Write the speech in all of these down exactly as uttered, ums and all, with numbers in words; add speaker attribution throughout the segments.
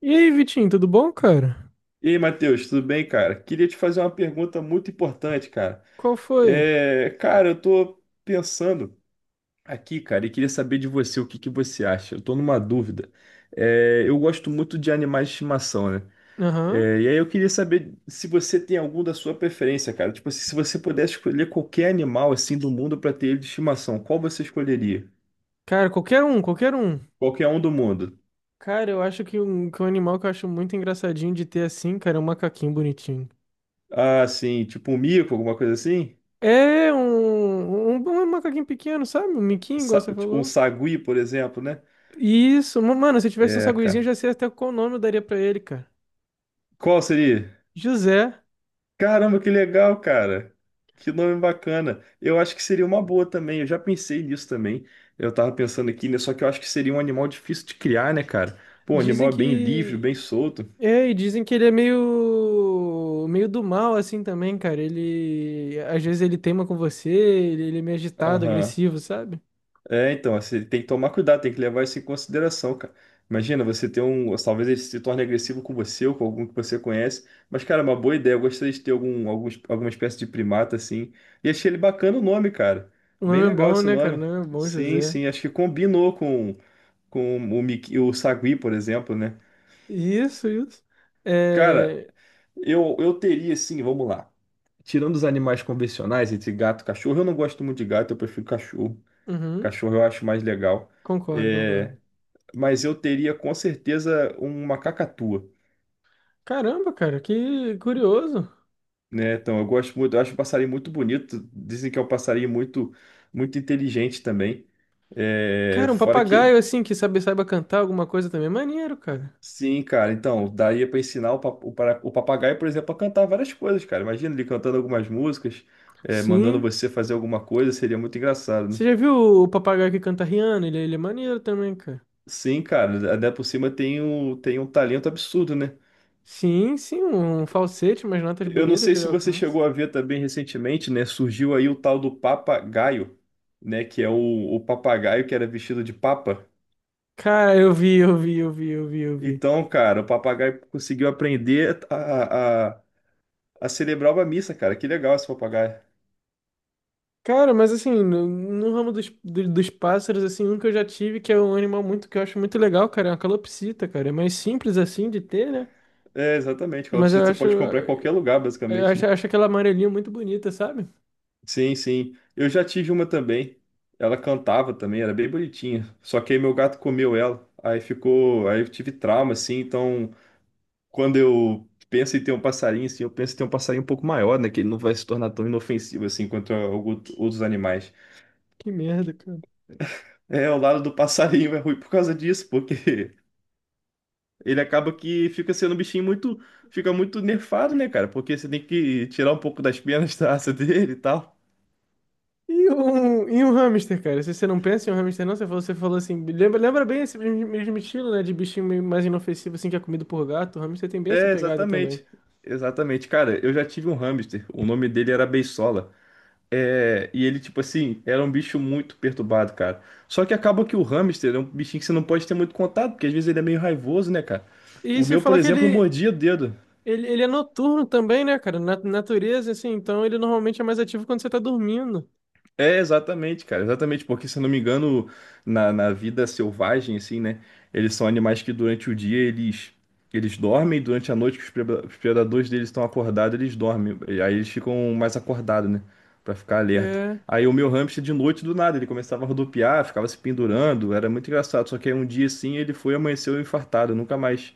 Speaker 1: E aí, Vitinho, tudo bom, cara?
Speaker 2: E aí, Matheus, tudo bem, cara? Queria te fazer uma pergunta muito importante, cara.
Speaker 1: Qual foi?
Speaker 2: É, cara, eu tô pensando aqui, cara, e queria saber de você o que que você acha. Eu tô numa dúvida. É, eu gosto muito de animais de estimação, né?
Speaker 1: Aham.
Speaker 2: É, e aí eu queria saber se você tem algum da sua preferência, cara. Tipo, assim, se você pudesse escolher qualquer animal assim do mundo pra ter ele de estimação, qual você escolheria?
Speaker 1: Cara, qualquer um, qualquer um.
Speaker 2: Qualquer um do mundo.
Speaker 1: Cara, eu acho que um, que um animal que eu acho muito engraçadinho de ter assim, cara, é um macaquinho bonitinho.
Speaker 2: Ah, sim, tipo um mico, alguma coisa assim?
Speaker 1: É um, um, um um macaquinho pequeno, sabe? Um miquinho, igual
Speaker 2: Sa-
Speaker 1: você
Speaker 2: Um
Speaker 1: falou.
Speaker 2: sagui, por exemplo, né?
Speaker 1: Isso, ma- mano, se eu tivesse um
Speaker 2: É,
Speaker 1: saguizinho, eu
Speaker 2: cara.
Speaker 1: já sei até qual nome eu daria pra ele, cara.
Speaker 2: Qual seria?
Speaker 1: José.
Speaker 2: Caramba, que legal, cara. Que nome bacana. Eu acho que seria uma boa também. Eu já pensei nisso também. Eu tava pensando aqui, né? Só que eu acho que seria um animal difícil de criar, né, cara? Pô, o
Speaker 1: Dizem
Speaker 2: animal é bem livre,
Speaker 1: que
Speaker 2: bem solto.
Speaker 1: É, e dizem que ele é meio meio do mal assim também, cara. Ele às vezes ele teima com você, ele, ele é meio agitado,
Speaker 2: Aham.
Speaker 1: agressivo, sabe?
Speaker 2: É, então, você tem que tomar cuidado, tem que levar isso em consideração, cara. Imagina, você ter um. Talvez ele se torne agressivo com você ou com algum que você conhece. Mas, cara, é uma boa ideia. Eu gostaria de ter algum, algum, alguma espécie de primata, assim. E achei ele bacana o nome, cara.
Speaker 1: O
Speaker 2: Bem
Speaker 1: nome é
Speaker 2: legal
Speaker 1: bom,
Speaker 2: esse
Speaker 1: né, cara? O
Speaker 2: nome.
Speaker 1: nome é bom,
Speaker 2: Sim,
Speaker 1: José.
Speaker 2: sim, acho que combinou com, com o, Miki, o Sagui, por exemplo, né?
Speaker 1: Isso, isso.
Speaker 2: Cara,
Speaker 1: É...
Speaker 2: eu, eu teria, assim, vamos lá. Tirando os animais convencionais, entre gato e cachorro, eu não gosto muito de gato, eu prefiro cachorro.
Speaker 1: Uhum,
Speaker 2: Cachorro eu acho mais legal.
Speaker 1: concordo,
Speaker 2: É.
Speaker 1: concordo.
Speaker 2: Mas eu teria com certeza uma cacatua,
Speaker 1: Caramba, cara, que curioso.
Speaker 2: né? Então, eu gosto muito, eu acho um passarinho muito bonito. Dizem que é um passarinho muito, muito inteligente também. É,
Speaker 1: Cara, um
Speaker 2: fora
Speaker 1: papagaio
Speaker 2: que,
Speaker 1: assim que sabe, saiba cantar alguma coisa também é maneiro, cara.
Speaker 2: sim, cara. Então, daria para ensinar o, pa- o para- o papagaio, por exemplo, a cantar várias coisas, cara. Imagina ele cantando algumas músicas, é, mandando
Speaker 1: Sim.
Speaker 2: você fazer alguma coisa, seria muito engraçado, né?
Speaker 1: Você já viu o papagaio que canta Rihanna? Ele, é, ele é maneiro também, cara.
Speaker 2: Sim, cara. Ainda por cima tem um, tem um talento absurdo, né?
Speaker 1: Sim, sim, um um falsete, umas notas
Speaker 2: Eu não
Speaker 1: bonitas
Speaker 2: sei
Speaker 1: que ele
Speaker 2: se você
Speaker 1: alcança.
Speaker 2: chegou a ver também recentemente, né? Surgiu aí o tal do papagaio, né? Que é o, o papagaio que era vestido de papa.
Speaker 1: Cara, eu vi, eu vi, eu vi, eu vi, eu vi.
Speaker 2: Então, cara, o papagaio conseguiu aprender a, a, a celebrar uma missa, cara. Que legal esse papagaio.
Speaker 1: Cara, mas assim, no, no ramo dos, do- dos pássaros, assim, um que eu já tive, que é um animal muito que eu acho muito legal, cara, é uma calopsita, cara. É mais simples assim de ter, né?
Speaker 2: É, exatamente, cara.
Speaker 1: Mas eu
Speaker 2: Você
Speaker 1: acho,
Speaker 2: pode comprar em qualquer lugar,
Speaker 1: eu
Speaker 2: basicamente,
Speaker 1: acho,
Speaker 2: né?
Speaker 1: acho aquela amarelinha muito bonita, sabe?
Speaker 2: Sim, sim. Eu já tive uma também. Ela cantava também, era bem bonitinha. Só que aí meu gato comeu ela. Aí ficou. Aí eu tive trauma, assim, então quando eu penso em ter um passarinho, assim, eu penso em ter um passarinho um pouco maior, né? Que ele não vai se tornar tão inofensivo assim quanto a- algu- outros animais.
Speaker 1: Que merda, cara.
Speaker 2: É, o lado do passarinho é ruim por causa disso, porque ele acaba que fica sendo um bichinho muito, fica muito nerfado, né, cara? Porque você tem que tirar um pouco das penas da asa dele e tal.
Speaker 1: E um, e um hamster, cara? Se você não pensa em um hamster, não, você falou, você falou assim, lembra, lembra bem esse mesmo mesmo estilo, né? De bichinho meio mais inofensivo, assim, que é comido por gato. O hamster tem bem essa
Speaker 2: É,
Speaker 1: pegada também.
Speaker 2: exatamente. Exatamente, cara, eu já tive um hamster, o nome dele era Beisola. É, e ele, tipo assim, era um bicho muito perturbado, cara. Só que acaba que o hamster é um bichinho que você não pode ter muito contato, porque às vezes ele é meio raivoso, né, cara?
Speaker 1: E
Speaker 2: O
Speaker 1: você
Speaker 2: meu, por
Speaker 1: fala que
Speaker 2: exemplo,
Speaker 1: ele,
Speaker 2: mordia o dedo.
Speaker 1: ele, ele é noturno também, né, cara? Na natureza, assim, então ele normalmente é mais ativo quando você tá dormindo.
Speaker 2: É, exatamente, cara, exatamente, porque se eu não me engano, na, na vida selvagem, assim, né, eles são animais que durante o dia eles, eles dormem, e durante a noite que os preda- os predadores deles estão acordados, eles dormem, e aí eles ficam mais acordados, né, pra ficar alerta.
Speaker 1: É,
Speaker 2: Aí o meu hamster de noite do nada, ele começava a rodopiar, ficava se pendurando, era muito engraçado, só que aí um dia assim ele foi e amanheceu infartado, eu nunca mais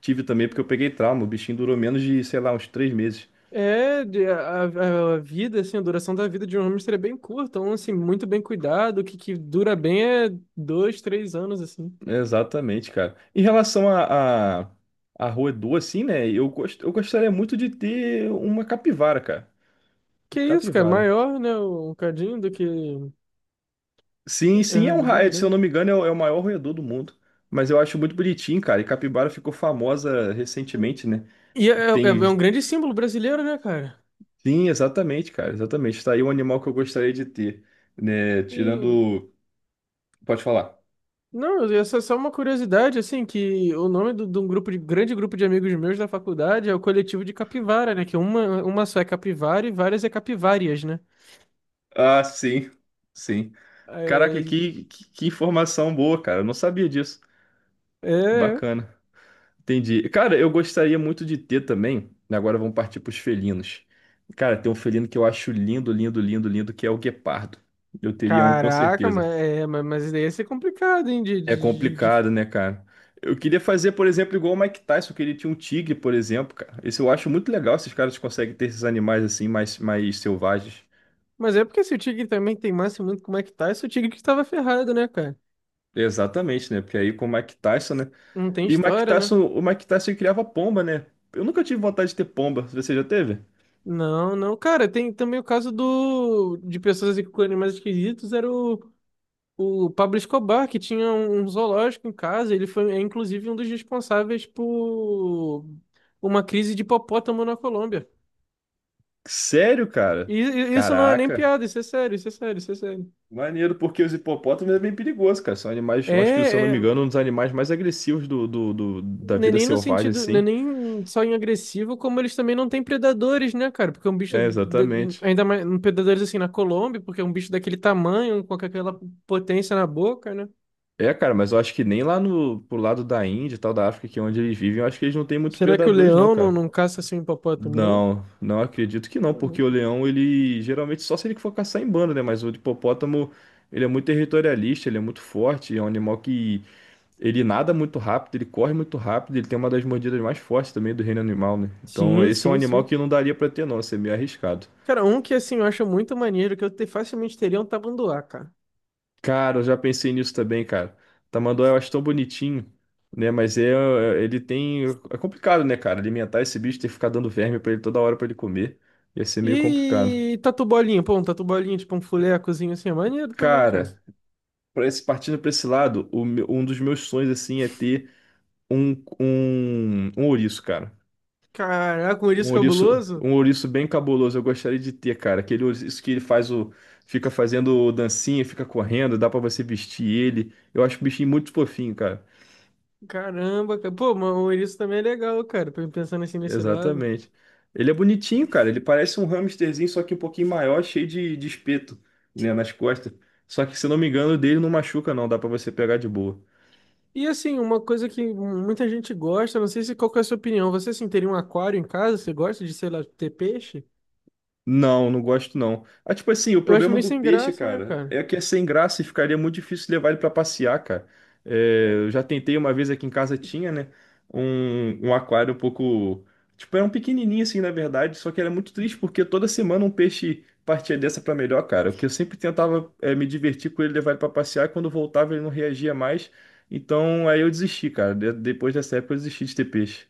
Speaker 2: tive também, porque eu peguei trauma, o bichinho durou menos de, sei lá, uns três meses.
Speaker 1: é de- a, a, a vida, assim, a duração da vida de um hamster é bem curta, então, assim, muito bem cuidado. O que, que dura bem é dois, três anos, assim.
Speaker 2: Exatamente, cara. Em relação à à à roedor, assim, né? Eu, gost, eu gostaria muito de ter uma capivara, cara.
Speaker 1: Que isso, cara?
Speaker 2: Capivara.
Speaker 1: Maior, né? Um cadinho do que.
Speaker 2: Sim,
Speaker 1: É,
Speaker 2: sim,
Speaker 1: ele
Speaker 2: é um,
Speaker 1: é
Speaker 2: ra-
Speaker 1: bem
Speaker 2: é, se eu
Speaker 1: grande.
Speaker 2: não me engano, é o, é o maior roedor do mundo. Mas eu acho muito bonitinho, cara. E capivara ficou famosa recentemente, né?
Speaker 1: E é, é-
Speaker 2: Tem.
Speaker 1: é um grande símbolo brasileiro, né, cara?
Speaker 2: Sim, exatamente, cara. Exatamente. Tá aí um animal que eu gostaria de ter, né?
Speaker 1: E,
Speaker 2: Tirando. Pode falar.
Speaker 1: não, essa é só uma curiosidade, assim, que o nome do- de um grupo de grande grupo de amigos meus da faculdade é o coletivo de capivara, né? Que é uma, uma só é capivara e várias é capivárias, né?
Speaker 2: Ah, sim. Sim. Caraca,
Speaker 1: É,
Speaker 2: que, que, que informação boa, cara. Eu não sabia disso.
Speaker 1: é.
Speaker 2: Bacana. Entendi. Cara, eu gostaria muito de ter também. Né, agora vamos partir para os felinos. Cara, tem um felino que eu acho lindo, lindo, lindo, lindo, que é o guepardo. Eu teria um com
Speaker 1: Caraca, mas,
Speaker 2: certeza.
Speaker 1: é, ma- mas isso daí ia ser complicado, hein? De,
Speaker 2: É
Speaker 1: de, de- de-
Speaker 2: complicado, né, cara? Eu queria fazer, por exemplo, igual o Mike Tyson, que ele tinha um tigre, por exemplo, cara. Esse eu acho muito legal, esses caras conseguem ter esses animais assim, mais, mais selvagens.
Speaker 1: Mas é porque se o Tigre também teimasse muito como é que tá, esse é o Tigre que estava ferrado, né, cara?
Speaker 2: Exatamente, né? Porque aí com o Mike Tyson, né?
Speaker 1: Não tem
Speaker 2: E o Mike
Speaker 1: história, né?
Speaker 2: Tyson, o Mike Tyson ele criava pomba, né? Eu nunca tive vontade de ter pomba. Você já teve?
Speaker 1: Não, não. Cara, tem também o caso do de pessoas assim, com animais esquisitos, era o O Pablo Escobar, que tinha um um zoológico em casa, ele foi, é, inclusive, um dos responsáveis por uma crise de hipopótamo na Colômbia.
Speaker 2: Sério, cara?
Speaker 1: E e isso não é nem
Speaker 2: Caraca.
Speaker 1: piada, isso é sério, isso é sério, isso é sério.
Speaker 2: Maneiro, porque os hipopótamos é bem perigoso, cara. São animais, eu acho que, se eu não
Speaker 1: É, é,
Speaker 2: me engano, um dos animais mais agressivos do, do, do- da
Speaker 1: não é
Speaker 2: vida
Speaker 1: nem no
Speaker 2: selvagem,
Speaker 1: sentido, não é
Speaker 2: assim.
Speaker 1: nem só em agressivo, como eles também não têm predadores, né, cara? Porque é um bicho,
Speaker 2: É,
Speaker 1: da-
Speaker 2: exatamente.
Speaker 1: ainda mais, um predadores assim na Colômbia, porque é um bicho daquele tamanho, com aquela potência na boca, né?
Speaker 2: É, cara, mas eu acho que nem lá no, pro lado da Índia e tal, da África, que é onde eles vivem, eu acho que eles não têm muito
Speaker 1: Será que o
Speaker 2: predadores, não,
Speaker 1: leão não,
Speaker 2: cara.
Speaker 1: não caça assim um hipopótamo, não?
Speaker 2: Não, não acredito que
Speaker 1: Sei
Speaker 2: não,
Speaker 1: lá.
Speaker 2: porque o leão, ele geralmente só se ele for caçar em bando, né? Mas o hipopótamo, ele é muito territorialista, ele é muito forte, é um animal que ele nada muito rápido, ele corre muito rápido, ele tem uma das mordidas mais fortes também do reino animal, né? Então,
Speaker 1: Sim,
Speaker 2: esse é um
Speaker 1: sim,
Speaker 2: animal
Speaker 1: sim.
Speaker 2: que não daria pra ter, não, isso é meio arriscado.
Speaker 1: Cara, um que assim eu acho muito maneiro, que eu te- facilmente teria é um tabanduá cara.
Speaker 2: Cara, eu já pensei nisso também, cara. Tamanduá eu acho tão bonitinho, né? Mas é, é, ele tem. É complicado, né, cara? Alimentar esse bicho, ter que ficar dando verme pra ele toda hora pra ele comer. Ia ser meio complicado.
Speaker 1: E tatu bolinha, pô, um tatu bolinha, tipo um fulecozinho assim, é maneiro também, cara.
Speaker 2: Cara, pra esse, partindo pra esse lado, o meu- um dos meus sonhos, assim, é ter um, um, um ouriço, cara.
Speaker 1: Caraca, um
Speaker 2: Um
Speaker 1: ouriço
Speaker 2: ouriço,
Speaker 1: cabuloso?
Speaker 2: um ouriço bem cabuloso, eu gostaria de ter, cara. Aquele ouriço que ele faz o. Fica fazendo dancinha, fica correndo, dá pra você vestir ele. Eu acho o bichinho muito fofinho, cara.
Speaker 1: Caramba, cara. Pô, mas o ouriço também é legal, cara, pe- pensando assim nesse lado.
Speaker 2: Exatamente. Ele é bonitinho, cara. Ele parece um hamsterzinho, só que um pouquinho maior, cheio de, de espeto, né, nas costas. Só que, se eu não me engano, o dele não machuca, não. Dá pra você pegar de boa.
Speaker 1: E assim, uma coisa que muita gente gosta, não sei se qual que é a sua opinião, você assim, teria um aquário em casa, você gosta de, sei lá, ter peixe?
Speaker 2: Não, não gosto não. Ah, tipo assim, o
Speaker 1: Eu acho
Speaker 2: problema
Speaker 1: meio
Speaker 2: do
Speaker 1: sem
Speaker 2: peixe,
Speaker 1: graça, né,
Speaker 2: cara,
Speaker 1: cara?
Speaker 2: é que é sem graça e ficaria muito difícil levar ele pra passear, cara. É, eu já tentei uma vez aqui em casa tinha, né, um, um aquário um pouco, tipo, era um pequenininho assim, na verdade, só que era muito triste porque toda semana um peixe partia dessa pra melhor, cara. Porque eu sempre tentava é, me divertir com ele, levar ele pra passear, e quando voltava ele não reagia mais. Então aí eu desisti, cara. De- depois dessa época eu desisti de ter peixe.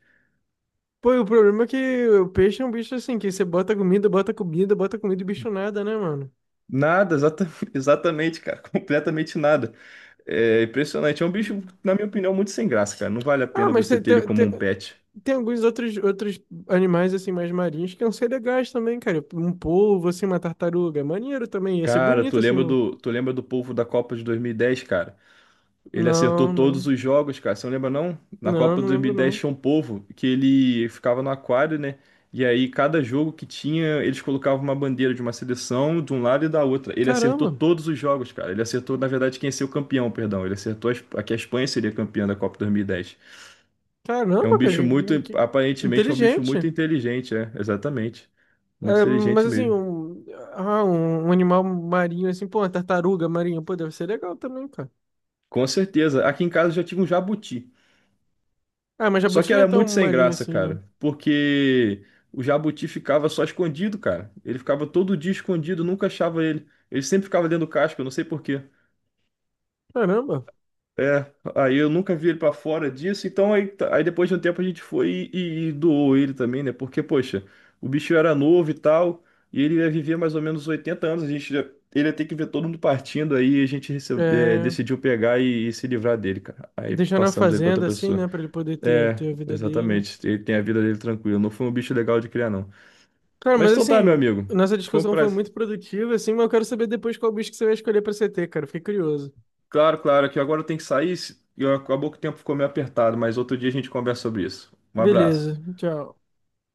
Speaker 1: Pô, e o problema é que o peixe é um bicho assim, que você bota comida, bota comida, bota comida e o bicho nada, né, mano?
Speaker 2: Nada, exata- exatamente, cara, completamente nada. É impressionante. É um bicho,
Speaker 1: Hum.
Speaker 2: na minha opinião, muito sem graça, cara. Não vale a
Speaker 1: Ah,
Speaker 2: pena
Speaker 1: mas
Speaker 2: você
Speaker 1: tem,
Speaker 2: ter ele
Speaker 1: tem,
Speaker 2: como
Speaker 1: tem,
Speaker 2: um pet.
Speaker 1: tem alguns outros, outros animais, assim, mais marinhos que iam ser legais também, cara. Um polvo, assim, uma tartaruga. É maneiro também. Ia ser
Speaker 2: Cara, tu
Speaker 1: bonito, assim,
Speaker 2: lembra
Speaker 1: não.
Speaker 2: do, tu lembra do povo da Copa de dois mil e dez, cara? Ele acertou
Speaker 1: Não,
Speaker 2: todos
Speaker 1: não.
Speaker 2: os jogos, cara. Você não lembra, não? Na
Speaker 1: Não,
Speaker 2: Copa de
Speaker 1: não lembro,
Speaker 2: dois mil e dez
Speaker 1: não.
Speaker 2: tinha um povo que ele ficava no aquário, né? E aí, cada jogo que tinha, eles colocavam uma bandeira de uma seleção de um lado e da outra. Ele acertou
Speaker 1: Caramba.
Speaker 2: todos os jogos, cara. Ele acertou, na verdade, quem ia ser o campeão, perdão. Ele acertou a, Esp- que a Espanha seria campeã da Copa dois mil e dez. É um
Speaker 1: Caramba, cara.
Speaker 2: bicho muito,
Speaker 1: Que, que
Speaker 2: aparentemente é um bicho muito
Speaker 1: inteligente.
Speaker 2: inteligente, é, exatamente. Muito
Speaker 1: É, mas,
Speaker 2: inteligente
Speaker 1: assim,
Speaker 2: mesmo.
Speaker 1: um, ah, um, um animal marinho, assim, pô, uma tartaruga marinha, pô, deve ser legal também, cara.
Speaker 2: Com certeza. Aqui em casa já tinha um jabuti.
Speaker 1: Ah, mas
Speaker 2: Só
Speaker 1: jabuti
Speaker 2: que
Speaker 1: não é
Speaker 2: era
Speaker 1: tão
Speaker 2: muito sem
Speaker 1: marinho
Speaker 2: graça,
Speaker 1: assim, né?
Speaker 2: cara, porque o jabuti ficava só escondido, cara. Ele ficava todo dia escondido, nunca achava ele. Ele sempre ficava dentro do casco, eu não sei por quê.
Speaker 1: Caramba.
Speaker 2: É, aí eu nunca vi ele pra fora disso, então aí, tá- aí depois de um tempo a gente foi e, e- doou ele também, né? Porque, poxa, o bicho era novo e tal, e ele ia viver mais ou menos oitenta anos, a gente já- ele ia ter que ver todo mundo partindo, aí a gente recebe- é,
Speaker 1: É,
Speaker 2: decidiu pegar e, e se livrar dele, cara. Aí
Speaker 1: deixar na
Speaker 2: passamos ele pra outra
Speaker 1: fazenda, assim,
Speaker 2: pessoa.
Speaker 1: né, pra ele poder ter,
Speaker 2: É,
Speaker 1: ter a vida dele.
Speaker 2: exatamente, ele tem a vida dele tranquilo, não foi um bicho legal de criar, não.
Speaker 1: Cara,
Speaker 2: Mas
Speaker 1: mas
Speaker 2: então tá, meu
Speaker 1: assim,
Speaker 2: amigo,
Speaker 1: nossa
Speaker 2: foi um
Speaker 1: discussão foi
Speaker 2: prazer.
Speaker 1: muito produtiva, assim, mas eu quero saber depois qual bicho que você vai escolher pra C T, cara. Fiquei curioso.
Speaker 2: Claro, claro, que agora eu tenho que sair, se- e acabou que o tempo ficou meio apertado, mas outro dia a gente conversa sobre isso. Um abraço.
Speaker 1: Beleza, tchau.